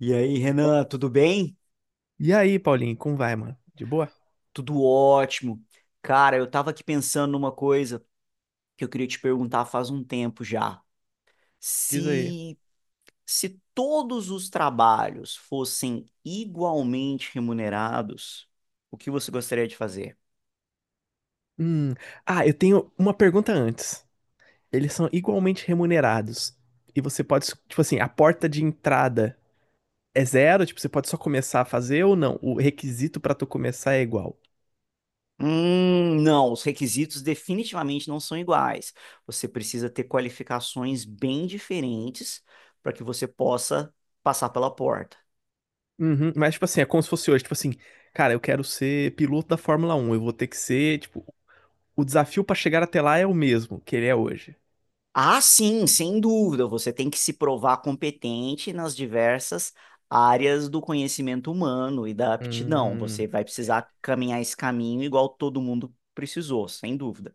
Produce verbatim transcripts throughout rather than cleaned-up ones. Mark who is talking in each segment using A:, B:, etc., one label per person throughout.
A: E aí, Renan, tudo bem?
B: E aí, Paulinho, como vai, mano? De boa?
A: Tudo ótimo. Cara, eu tava aqui pensando numa coisa que eu queria te perguntar faz um tempo já.
B: Diz aí.
A: Se se todos os trabalhos fossem igualmente remunerados, o que você gostaria de fazer?
B: Hum. Ah, eu tenho uma pergunta antes. Eles são igualmente remunerados. E você pode, tipo assim, a porta de entrada é zero? Tipo, você pode só começar a fazer ou não? O requisito pra tu começar é igual.
A: Hum, não, os requisitos definitivamente não são iguais. Você precisa ter qualificações bem diferentes para que você possa passar pela porta.
B: Uhum. Mas, tipo assim, é como se fosse hoje. Tipo assim, cara, eu quero ser piloto da Fórmula Um. Eu vou ter que ser, tipo, o desafio pra chegar até lá é o mesmo que ele é hoje.
A: Ah, sim, sem dúvida. Você tem que se provar competente nas diversas áreas do conhecimento humano e da aptidão. Você
B: Hum.
A: vai precisar caminhar esse caminho igual todo mundo precisou, sem dúvida.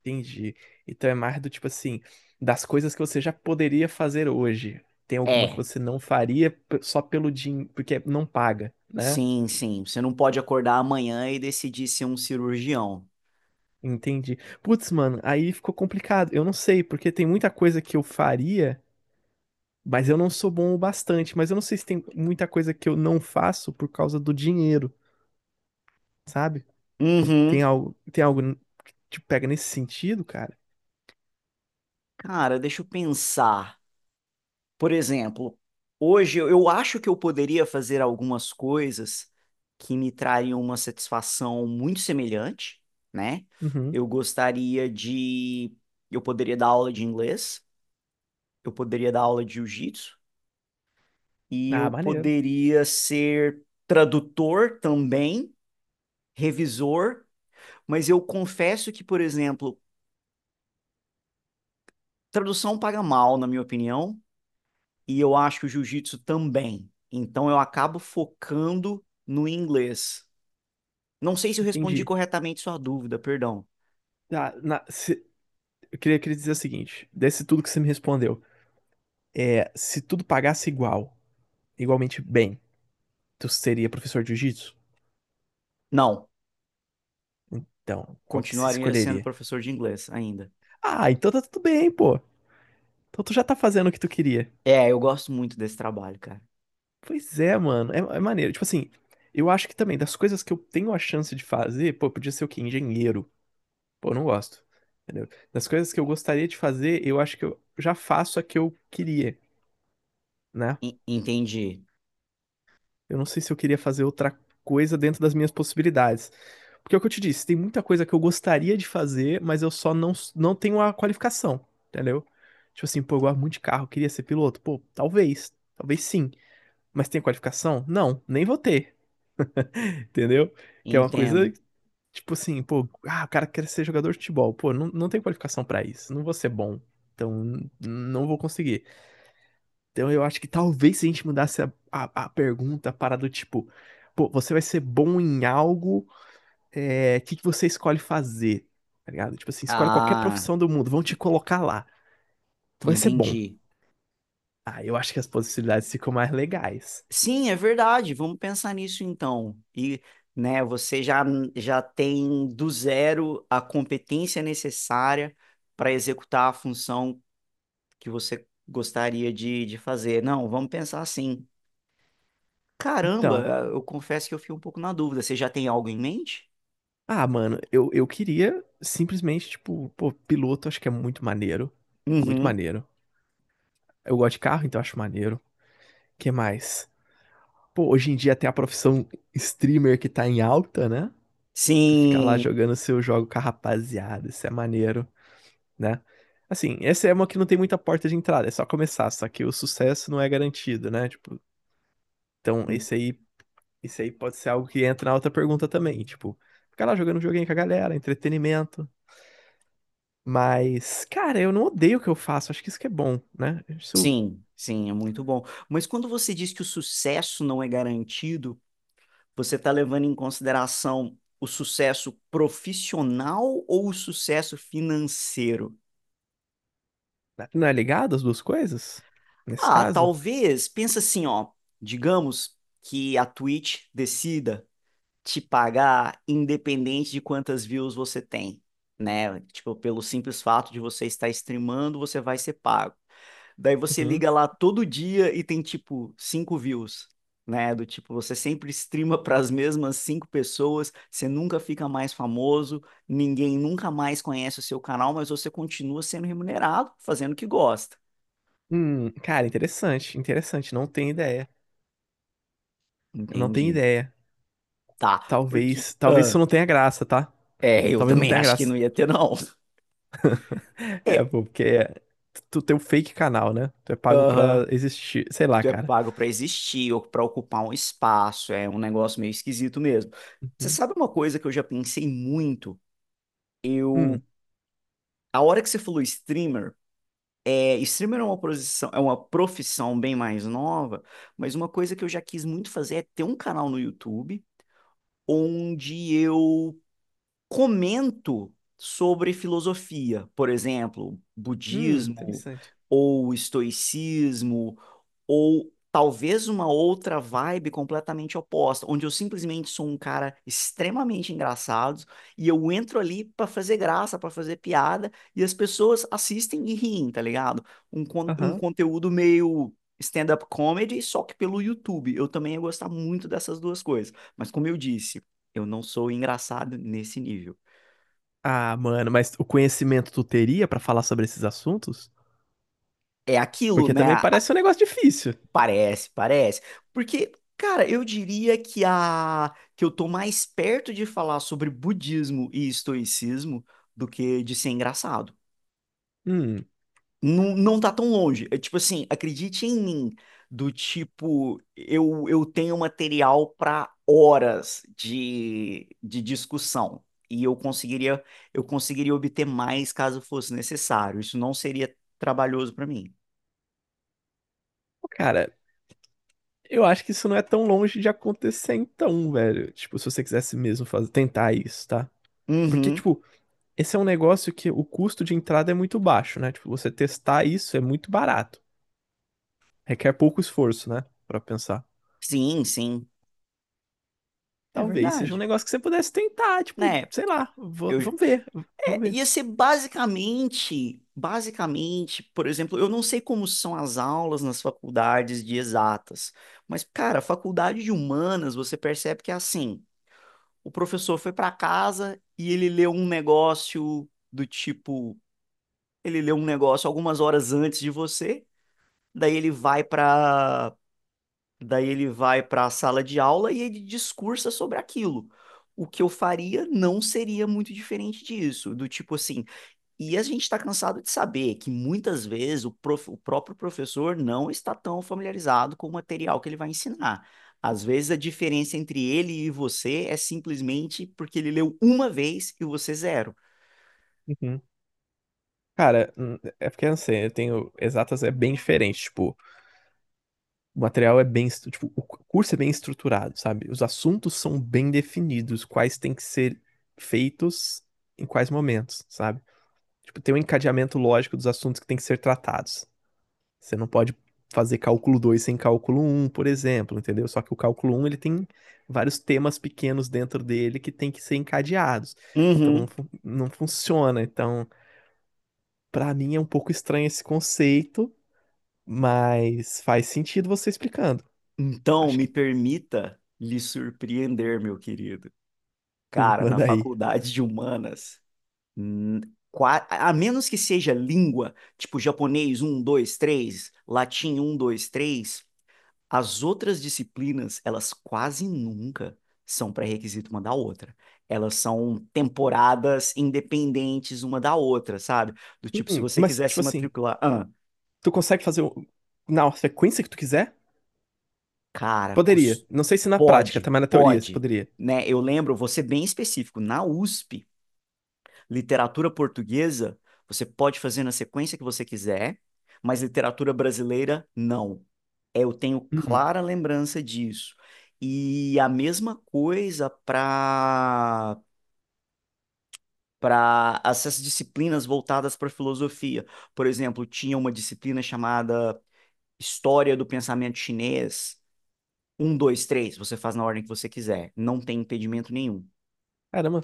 B: Entendi. Então é mais do tipo assim, das coisas que você já poderia fazer hoje. Tem alguma que
A: É,
B: você não faria p- só pelo dinheiro, porque não paga, né?
A: sim, sim. Você não pode acordar amanhã e decidir ser um cirurgião.
B: Entendi. Putz, mano, aí ficou complicado. Eu não sei, porque tem muita coisa que eu faria, mas eu não sou bom o bastante. Mas eu não sei se tem muita coisa que eu não faço por causa do dinheiro, sabe? Tem
A: Uhum.
B: algo, tem algo que te pega nesse sentido, cara?
A: Cara, deixa eu pensar. Por exemplo, hoje eu eu acho que eu poderia fazer algumas coisas que me trariam uma satisfação muito semelhante, né?
B: Uhum.
A: Eu gostaria de. Eu poderia dar aula de inglês, eu poderia dar aula de jiu-jitsu, e
B: Ah,
A: eu
B: maneiro.
A: poderia ser tradutor também, revisor, mas eu confesso que, por exemplo, tradução paga mal, na minha opinião, e eu acho que o jiu-jitsu também. Então eu acabo focando no inglês. Não sei se eu respondi
B: Entendi.
A: corretamente sua dúvida, perdão.
B: Tá, na- se- eu queria, queria dizer o seguinte, desse tudo que você me respondeu. É, se tudo pagasse igual, igualmente bem, tu seria professor de jiu-jitsu?
A: Não,
B: Então, qual que você
A: continuaria sendo
B: escolheria?
A: professor de inglês ainda.
B: Ah, então tá tudo bem, pô. Então tu já tá fazendo o que tu queria.
A: É, eu gosto muito desse trabalho, cara.
B: Pois é, mano. É, é maneiro. Tipo assim, eu acho que também, das coisas que eu tenho a chance de fazer, pô, podia ser o quê? Engenheiro. Pô, eu não gosto. Entendeu? Das coisas que eu gostaria de fazer, eu acho que eu já faço a que eu queria, né?
A: En- Entendi,
B: Eu não sei se eu queria fazer outra coisa dentro das minhas possibilidades. Porque é o que eu te disse, tem muita coisa que eu gostaria de fazer, mas eu só não, não tenho a qualificação, entendeu? Tipo assim, pô, eu gosto muito de carro, queria ser piloto. Pô, talvez, talvez sim. Mas tem qualificação? Não, nem vou ter, entendeu? Que é uma coisa,
A: entendo.
B: tipo assim, pô, ah, o cara quer ser jogador de futebol. Pô, não, não tem qualificação pra isso, não vou ser bom. Então, não vou conseguir. Então eu acho que talvez se a gente mudasse a, a, a pergunta para do tipo, pô, você vai ser bom em algo, é, que que você escolhe fazer? Tá ligado? Tipo assim, escolhe qualquer
A: Ah,
B: profissão do mundo, vão te
A: e-
B: colocar lá. Tu vai ser bom.
A: entendi.
B: Ah, eu acho que as possibilidades ficam mais legais.
A: Sim, é verdade. Vamos pensar nisso então. E, né, você já, já tem do zero a competência necessária para executar a função que você gostaria de, de fazer. Não, vamos pensar assim. Caramba,
B: Então,
A: eu confesso que eu fiquei um pouco na dúvida. Você já tem algo em mente?
B: ah, mano, eu, eu queria simplesmente, tipo, pô, piloto acho que é muito maneiro. Muito
A: Uhum.
B: maneiro. Eu gosto de carro, então acho maneiro. Que mais? Pô, hoje em dia tem a profissão streamer que tá em alta, né? Tu fica lá
A: Sim,
B: jogando seu jogo com a rapaziada, isso é maneiro, né? Assim, essa é uma que não tem muita porta de entrada, é só começar, só que o sucesso não é garantido, né? Tipo, então
A: hum,
B: esse aí, esse aí pode ser algo que entra na outra pergunta também, tipo, ficar lá jogando um joguinho com a galera, entretenimento. Mas, cara, eu não odeio o que eu faço, acho que isso que é bom, né? Isso
A: sim, sim, é muito bom. Mas quando você diz que o sucesso não é garantido, você está levando em consideração o sucesso profissional ou o sucesso financeiro?
B: não é ligado as duas coisas? Nesse
A: Ah,
B: caso?
A: talvez, pensa assim, ó, digamos que a Twitch decida te pagar independente de quantas views você tem, né? Tipo, pelo simples fato de você estar streamando, você vai ser pago. Daí você
B: Uhum.
A: liga lá todo dia e tem tipo cinco views, né? Do tipo, você sempre streama para as mesmas cinco pessoas, você nunca fica mais famoso, ninguém nunca mais conhece o seu canal, mas você continua sendo remunerado, fazendo o que gosta.
B: Hum, cara, interessante, interessante, não tenho ideia. Eu não tenho
A: Entendi.
B: ideia.
A: Tá, porque
B: Talvez, talvez isso
A: ah,
B: não tenha graça, tá?
A: é, eu
B: Talvez não
A: também
B: tenha
A: acho que
B: graça.
A: não ia ter não.
B: É,
A: É,
B: pô, porque é- tu tem um fake canal, né? Tu é pago pra
A: aham.
B: existir. Sei lá,
A: Tu é
B: cara.
A: pago para existir ou para ocupar um espaço, é um negócio meio esquisito mesmo. Você
B: Uhum.
A: sabe uma coisa que eu já pensei muito? Eu,
B: Hum,
A: a hora que você falou streamer, é, streamer é uma posição, é uma profissão bem mais nova, mas uma coisa que eu já quis muito fazer é ter um canal no YouTube onde eu comento sobre filosofia, por exemplo,
B: hum,
A: budismo
B: interessante.
A: ou estoicismo ou talvez uma outra vibe completamente oposta, onde eu simplesmente sou um cara extremamente engraçado e eu entro ali para fazer graça, para fazer piada e as pessoas assistem e riem, tá ligado? Um, con- um
B: Aham.
A: conteúdo meio stand-up comedy, só que pelo YouTube. Eu também ia gostar muito dessas duas coisas, mas como eu disse eu não sou engraçado nesse nível.
B: Ah, mano, mas o conhecimento tu teria pra falar sobre esses assuntos?
A: É aquilo,
B: Porque
A: né?
B: também
A: A- a-
B: parece um negócio difícil.
A: Parece, parece. Porque, cara, eu diria que a que eu tô mais perto de falar sobre budismo e estoicismo do que de ser engraçado.
B: Hum.
A: Não, não tá tão longe. É tipo assim, acredite em mim, do tipo, eu, eu tenho material para horas de, de, discussão. E eu conseguiria, eu conseguiria obter mais caso fosse necessário. Isso não seria trabalhoso para mim.
B: Pô, cara, eu acho que isso não é tão longe de acontecer então, velho. Tipo, se você quisesse mesmo fazer, tentar isso, tá? Porque,
A: Uhum.
B: tipo, esse é um negócio que o custo de entrada é muito baixo, né? Tipo, você testar isso é muito barato. Requer pouco esforço, né? Pra pensar.
A: Sim, sim. É
B: Talvez seja um
A: verdade.
B: negócio que você pudesse tentar, tipo,
A: Né?
B: sei lá, v-
A: Eu,
B: vamos ver, vamos
A: é,
B: ver.
A: ia ser basicamente, basicamente, por exemplo, eu não sei como são as aulas nas faculdades de exatas, mas, cara, faculdade de humanas, você percebe que é assim, o professor foi para casa e ele leu um negócio do tipo, ele leu um negócio algumas horas antes de você, daí ele vai para Daí ele vai para a sala de aula e ele discursa sobre aquilo. O que eu faria não seria muito diferente disso, do tipo assim. E a gente está cansado de saber que muitas vezes o, prof- o próprio professor não está tão familiarizado com o material que ele vai ensinar. Às vezes a diferença entre ele e você é simplesmente porque ele leu uma vez e você zero.
B: Uhum. Cara, hum, é porque eu não sei, eu tenho exatas é bem diferente. Tipo, o material é bem, estru- tipo, o curso é bem estruturado, sabe? Os assuntos são bem definidos, quais têm que ser feitos em quais momentos, sabe? Tipo, tem um encadeamento lógico dos assuntos que têm que ser tratados. Você não pode fazer cálculo dois sem cálculo um, por exemplo, entendeu? Só que o cálculo um ele tem vários temas pequenos dentro dele que têm que ser encadeados. Então, não,
A: Uhum.
B: fun- não funciona. Então, pra mim é um pouco estranho esse conceito, mas faz sentido você explicando.
A: Então,
B: Acho
A: me
B: que
A: permita lhe surpreender, meu querido. Cara, na
B: manda aí.
A: faculdade de humanas. Hum, qua- A menos que seja língua, tipo japonês um dois três latim um dois três, as outras disciplinas, elas quase nunca são pré-requisito uma da outra. Elas são temporadas independentes uma da outra, sabe? Do tipo, se
B: Hum,
A: você
B: mas,
A: quiser
B: tipo
A: se
B: assim,
A: matricular, ah,
B: tu consegue fazer o- na sequência que tu quiser?
A: cara,
B: Poderia.
A: cus-
B: Não sei se na prática, tá?
A: pode,
B: Mas na teoria, você
A: pode,
B: poderia.
A: né? Eu lembro, vou ser bem específico, na USP, literatura portuguesa, você pode fazer na sequência que você quiser, mas literatura brasileira, não. Eu tenho
B: Hum,
A: clara lembrança disso. E a mesma coisa para para essas disciplinas voltadas para filosofia. Por exemplo, tinha uma disciplina chamada História do Pensamento Chinês. Um, dois, três, você faz na ordem que você quiser. Não tem impedimento nenhum.
B: caramba.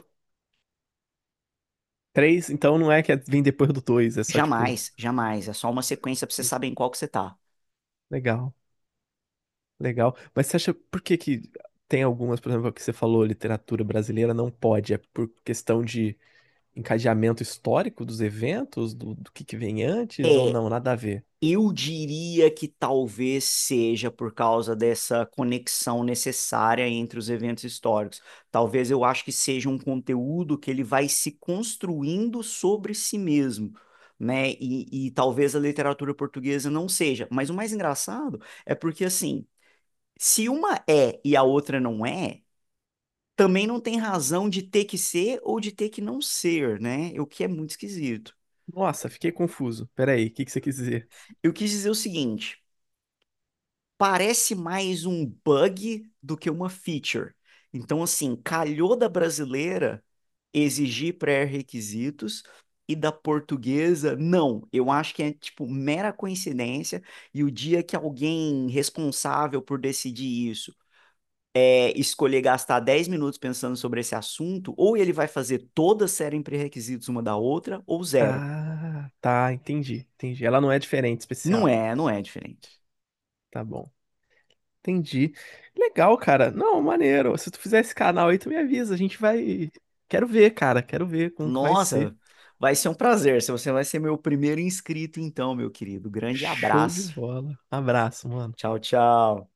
B: Três, então não é que é, vem depois do dois, é só tipo.
A: Jamais, jamais. É só uma sequência para você
B: Entendi.
A: saber em qual que você tá.
B: Legal, legal. Mas você acha por que que tem algumas, por exemplo, que você falou, literatura brasileira não pode? É por questão de encadeamento histórico dos eventos, do, do que que vem antes, ou
A: É
B: não? Nada a ver.
A: Eu diria que talvez seja por causa dessa conexão necessária entre os eventos históricos. Talvez eu acho que seja um conteúdo que ele vai se construindo sobre si mesmo, né? E, e talvez a literatura portuguesa não seja. Mas o mais engraçado é porque, assim, se uma é e a outra não é, também não tem razão de ter que ser ou de ter que não ser, né? O que é muito esquisito.
B: Nossa, fiquei confuso. Peraí, o que que você quis dizer?
A: Eu quis dizer o seguinte. Parece mais um bug do que uma feature. Então, assim, calhou da brasileira exigir pré-requisitos e da portuguesa, não. Eu acho que é, tipo, mera coincidência. E o dia que alguém responsável por decidir isso é escolher gastar dez minutos pensando sobre esse assunto, ou ele vai fazer toda a série em pré-requisitos uma da outra, ou zero.
B: Ah, tá, entendi, entendi. Ela não é diferente,
A: Não
B: especial.
A: é, não é diferente.
B: Tá bom. Entendi. Legal, cara. Não, maneiro. Se tu fizer esse canal aí, tu me avisa. A gente vai. Quero ver, cara. Quero ver como que vai ser.
A: Nossa, vai ser um prazer. Se você vai ser meu primeiro inscrito, então, meu querido. Grande
B: Show de
A: abraço.
B: bola. Abraço, mano.
A: Tchau, tchau.